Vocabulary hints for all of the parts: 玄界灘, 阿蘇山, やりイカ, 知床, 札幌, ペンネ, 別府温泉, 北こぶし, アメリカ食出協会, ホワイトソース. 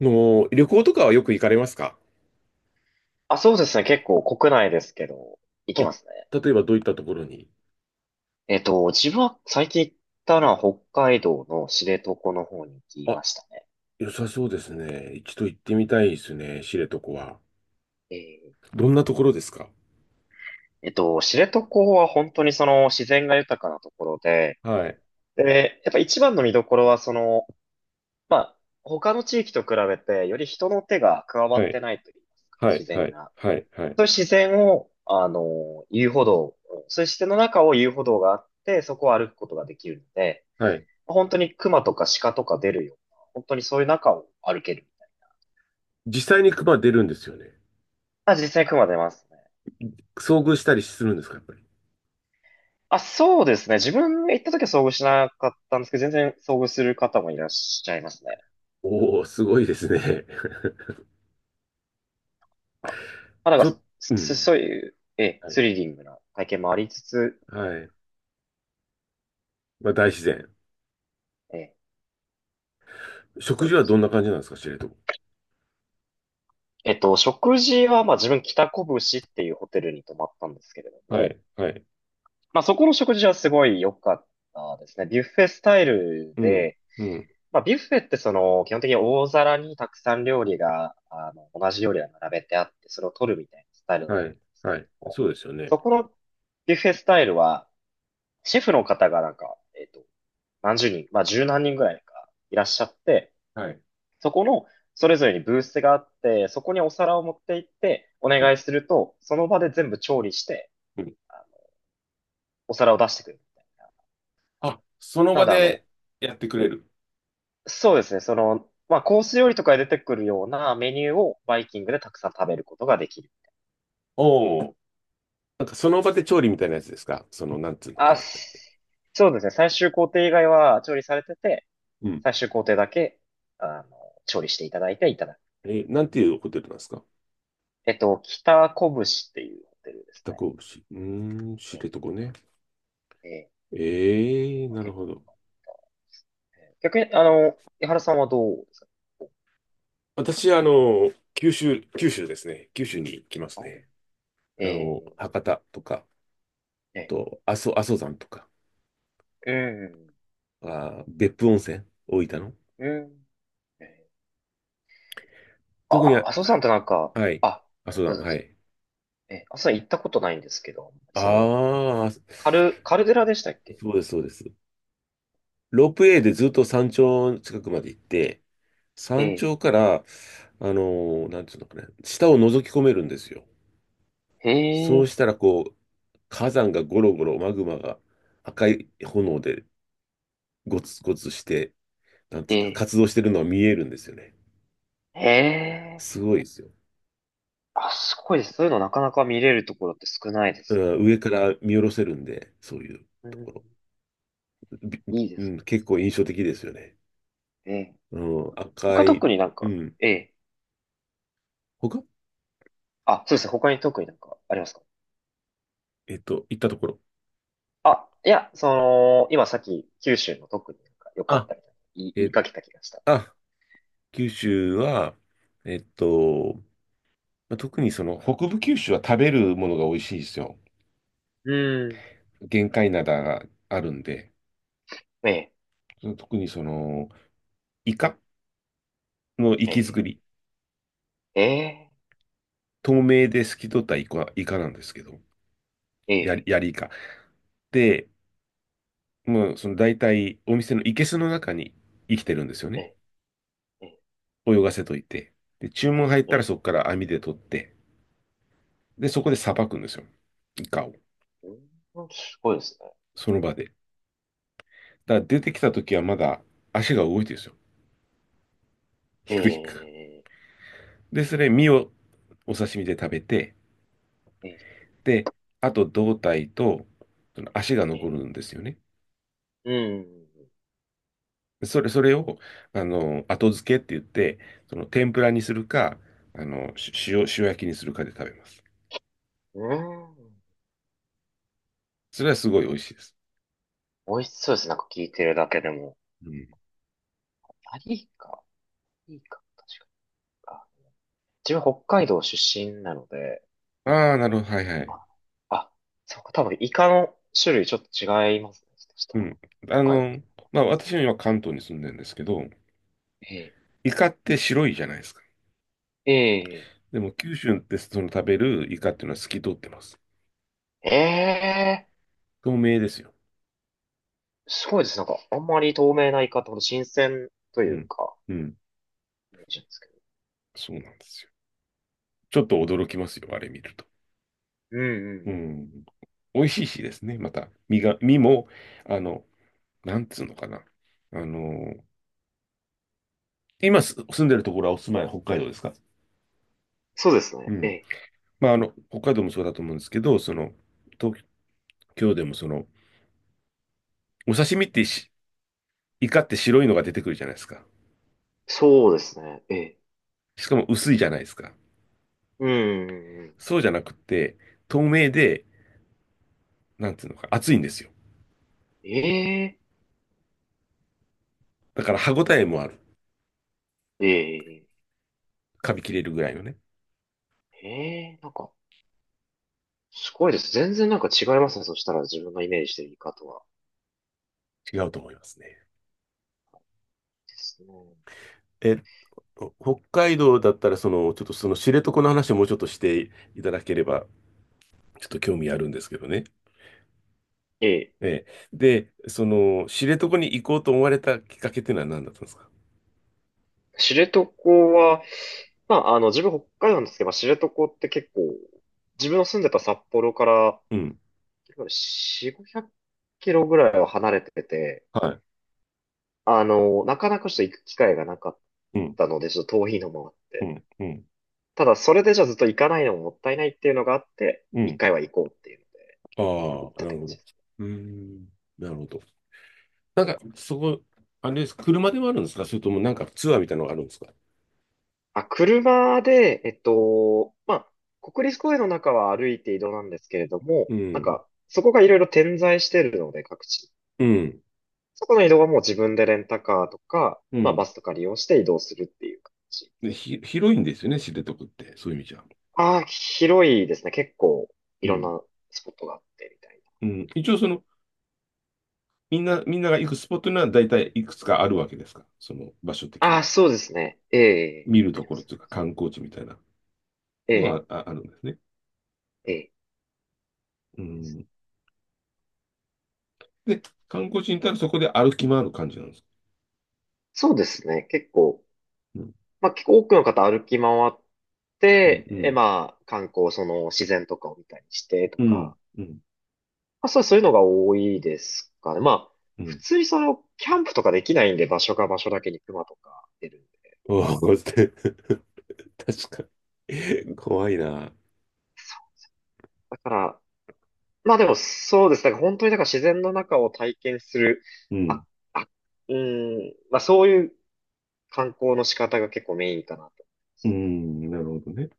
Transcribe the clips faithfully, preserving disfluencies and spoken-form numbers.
の、旅行とかはよく行かれますか？あ、そうですね。結構国内ですけど、行きあ、ますね。例えばどういったところに？えっと、自分は最近行ったのは北海道の知床の方に行きあ、ましたね。良さそうですね。一度行ってみたいですね、知床は。えーどんなところですか？えっと、知床は本当にその自然が豊かなところで、はい、で、やっぱ一番の見どころはその、まあ、他の地域と比べてより人の手が加わはっい、てないといいますか、は自い、は然い、が。はい、はい。そういう自然を、あの、遊歩道、そういう自然の中を遊歩道があって、そこを歩くことができるので、はい。本当に熊とか鹿とか出るような、本当にそういう中を歩ける。実際に熊出るんですよね。あ、実際に熊出ますね。遭遇したりするんですか、やっぱり。あ、そうですね。自分が行った時は遭遇しなかったんですけど、全然遭遇する方もいらっしゃいますね。おー、すごいですね。あ、まあ、なんちょっ、か、うすん。そういう、ええ、はい、スリリングな体験もありつつ、みたはいい。まあ、大自然。な。ええ、食そう事ではどす。んな感じなんですか、知床。えっと、食事は、まあ自分、北拳っていうホテルに泊まったんですけれどはも、い、はい。まあそこの食事はすごい良かったですね。ビュッフェスタイルうん、で、うん。まあ、ビュッフェってその、基本的に大皿にたくさん料理が、あの、同じ料理が並べてあって、それを取るみたいなスタイルだとは思い、うんですけはれい。ども、そうですよね。そこのビュッフェスタイルは、シェフの方がなんか、えっと、なんじゅうにん、まあ、じゅうなんにんぐらいかいらっしゃって、はい。そこの、それぞれにブースがあって、そこにお皿を持って行って、おうん。願いすると、その場で全部調理して、あの、お皿を出してくれるみたいあ、そのな。な場ので、あの、でやってくれる。そうですね。その、まあ、コース料理とかで出てくるようなメニューをバイキングでたくさん食べることができる。おお。なんかその場で調理みたいなやつですか、その、なんつうのかあ、な。すそうですね。最終工程以外は調理されてて、うん。最終工程だけ、あの、調理していただいていただく。え、なんていうホテルなんですか？えっと、北こぶしっていうホテルです北神戸市。うーん、知ね。床ね。ええ、ええええ、なる結ほ構良ど。かったええ逆に、あの、井原さんはどうですか？私、あの、九州、九州ですね。九州に行きますあね。あの、ええ、博多とか、あえと、阿蘇、阿蘇山とか、え、あー、別府温泉、大分の。うん、うん。ええ特に、あ、は、麻生さんってなんか、はい、あ、阿蘇どう山、ぞどうはぞ。い。ええ、麻生さん行ったことないんですけど、その、ああ、カル、カルデラでしたっけ？そうです、そうです。ロープウェイでずっと山頂近くまで行って、え山え、頂から、あのーなんていうのかね、下を覗き込めるんですよ。へそうえ、したら、こう、火山がゴロゴロ、マグマが赤い炎でゴツゴツして、なんていえうんですか、え、活動してるのは見えるんですよね。へえ。すごいですよ。あ、すごいです。そういうのなかなか見れるところって少ないでうすよね。ん、上から見下ろせるんで、そういううとん。ころ。び、いいでうすん、ね。結構印象的ですよね。ええ。うん、赤他い、特になんうか、ん。ええ。他、あ、そうですね。他に特になんかありますか？えっと、行ったところ。あ、いや、その、今さっき九州の特になんか良かっあ、たみたいな言い、言いえ、かけた気がした。あ、九州は、えっと、まあ特にその北部九州は食べるものが美味しいですよ。うん。玄界灘があるんで、ええ、その特にその、イカの活えき造え、り、ええ、透明で透き通ったイカ、イカなんですけど、えやり、やえ、りイカ。で、もうその大体お店の生けすの中に生きてるんですよえね。え、ええ、泳がせといて。で、注文入っえたらえそこから網で取って、で、そこでさばくんですよ。イカを。うんすごいですね。その場で。だから出てきた時はまだ足が動いてるんですよ。ひえくひく。え、で、それ、身をお刺身で食べて、ええ、で、あと胴体と、その足がえ残え、るんですよね。うん。それ、それを、あの、後付けって言って、その天ぷらにするか、あの、し塩、塩焼きにするかで食べます。うーん。それはすごい美味しいです。美味しそうです。なんか聞いてるだけでも。うん。あ、いいか。いいか。確かに。あ、自分北海道出身なので、ああ、なるほど。はいはい。あ、あそうか。多分イカの種類ちょっと違いますね。そしたうら。ん。あ北海道と。の、まあ、私は今関東に住んでるんですけど、えイカって白いじゃないですか。え。えでも、九州ってその食べるイカっていうのは透き通ってます。え。ええ。透明ですよ。すごいです。なんか、あんまり透明なイカってほど新鮮とういうん。か、うん。イメージなんですけど。そうなんですよ。ちょっと驚きますよ、あれ見ると。うんうんううんうん。ん。美味しいしですね、また。身が、身も、あの、なんつうのかな。あの、今す住んでるところはお住まい北海道ですか？そうですうね。えん。え。まあ、あの、北海道もそうだと思うんですけど、その、東京でもその、お刺身ってし、イカって白いのが出てくるじゃないですか。そうですね。ええ。しかも薄いじゃないですか。うんうんうん。そうじゃなくて、透明で、なんつうのか、厚いんですよ。ええ。だから歯ごたえもある。ええ。噛み切れるぐらいのね。ええ、なんか、すごいです。全然なんか違いますね。そしたら自分がイメージしてるイカとは。違うと思いますね。ですね。え、北海道だったら、その、ちょっとその知床の話をもうちょっとしていただければ、ちょっと興味あるんですけどね。ええ。ええ。で、その、知床に行こうと思われたきっかけっていうのは何だったんですか？知床は、まあ、あの、自分北海道なんですけど、まあ知床って結構、自分の住んでた札幌からうん。よん、ごひゃくキロぐらいは離れてて、はあの、なかなかちょっと行く機会がなかっい。うん。たので、ちょっと遠いのもあっうて。ん。うん。ただ、それでじゃあずっと行かないのももったいないっていうのがあって、う一ん。回は行こうっていうので、あ行っあ、たっなてる感ほじ。ど。うーん。なるほど。なんか、そこ、あれです。車でもあるんですか、それともなんかツアーみたいなのがあるんですか？あ、車で、えっと、まあ、国立公園の中は歩いて移動なんですけれども、うなんん。か、そこがいろいろ点在してるので、各地。うん。そこの移動はもう自分でレンタカーとか、うまあ、バん。スとか利用して移動するっていう感じ。で、ひ、広いんですよね、知床って。そういう意味じゃ。ああ、広いですね。結構、いうろんん。なスポットがあってみたいうん。一応その、みんな、みんなが行くスポットには大体いくつかあるわけですか、その場所な。的あに。あ、そうですね。ええ、見るあとりまころすとね。いうか観光地みたいなえのはえ、あ、あるんですね。ええ。うん。で、観光地に行ったらそこで歩き回る感じなんですか？そうですね。結構、うん、まあ、結構多くの方歩き回っうん、て、うえ、ん、まあ、観光、その自然とかを見たりしてとうん、か、うん、あ、そう、そういうのが多いですかね。まあ、う普ん。通にその、キャンプとかできないんで、場所が場所だけに熊とか出るんで。おお、こうやって 確かに。怖いな。だから、まあでもそうです。だから本当にだから自然の中を体験する、うん、あ、あ、うーん、まあそういう観光の仕方が結構メインかなと。うん、なるほどね。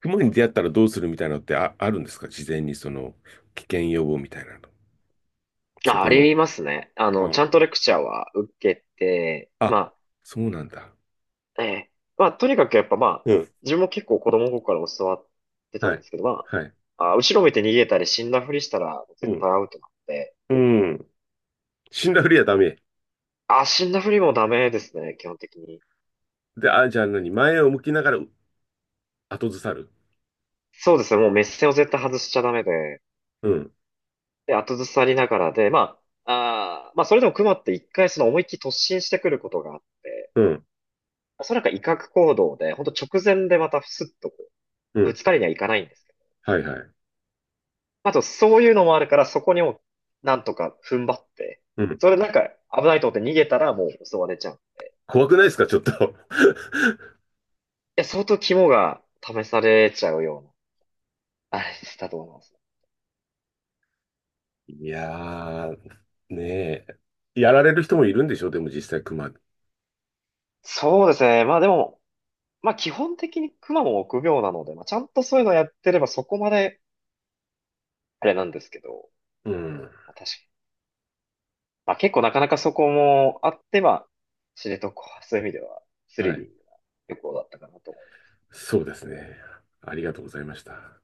熊に出会ったらどうするみたいなのって、あ、あるんですか、事前にその危険予防みたいなの。そあ、あこの。りますね。あの、ちあ、ゃんとレクチャーは受けて、あ、まそうなんだ。あ、ええ、まあとにかくやっぱまあ、うん、自分も結構子供の頃から教わってたはんでい。すけど、まはい。あ、あ、後ろ見て逃げたり死んだふりしたらう絶ん対アウトなんで、うん。死んだふりはダメ。あ、死んだふりもダメですね、基本的に。で、あ、じゃあ何、前を向きながらう、後ずさる。そうですね、もう目線を絶対外しちゃダメで、うん。で、後ずさりながらで、まあ、あーまあ、それでも熊って一回その思いっきり突進してくることがあって、うん。それなんか威嚇行動で、ほんと直前でまたスッとこうう、ぶん。つかりにはいかないんですけど。はいはい。まあと、そういうのもあるから、そこにも、なんとか踏ん張って、うん。それでなんか危ないと思って逃げたらもう襲われちゃう。い怖くないですか、ちょっと。や、相当肝が試されちゃうような、あれだと思います。いやー、ねえ。やられる人もいるんでしょ、でも実際熊。そうですね。まあでも、まあ基本的にクマも臆病なので、まあちゃんとそういうのやってればそこまであれなんですけど、うん。まあ確かに。まあ結構なかなかそこもあって、まあ知床はそういう意味ではスはリリンい。グな旅行だったかなと思います。そうですね。ありがとうございました。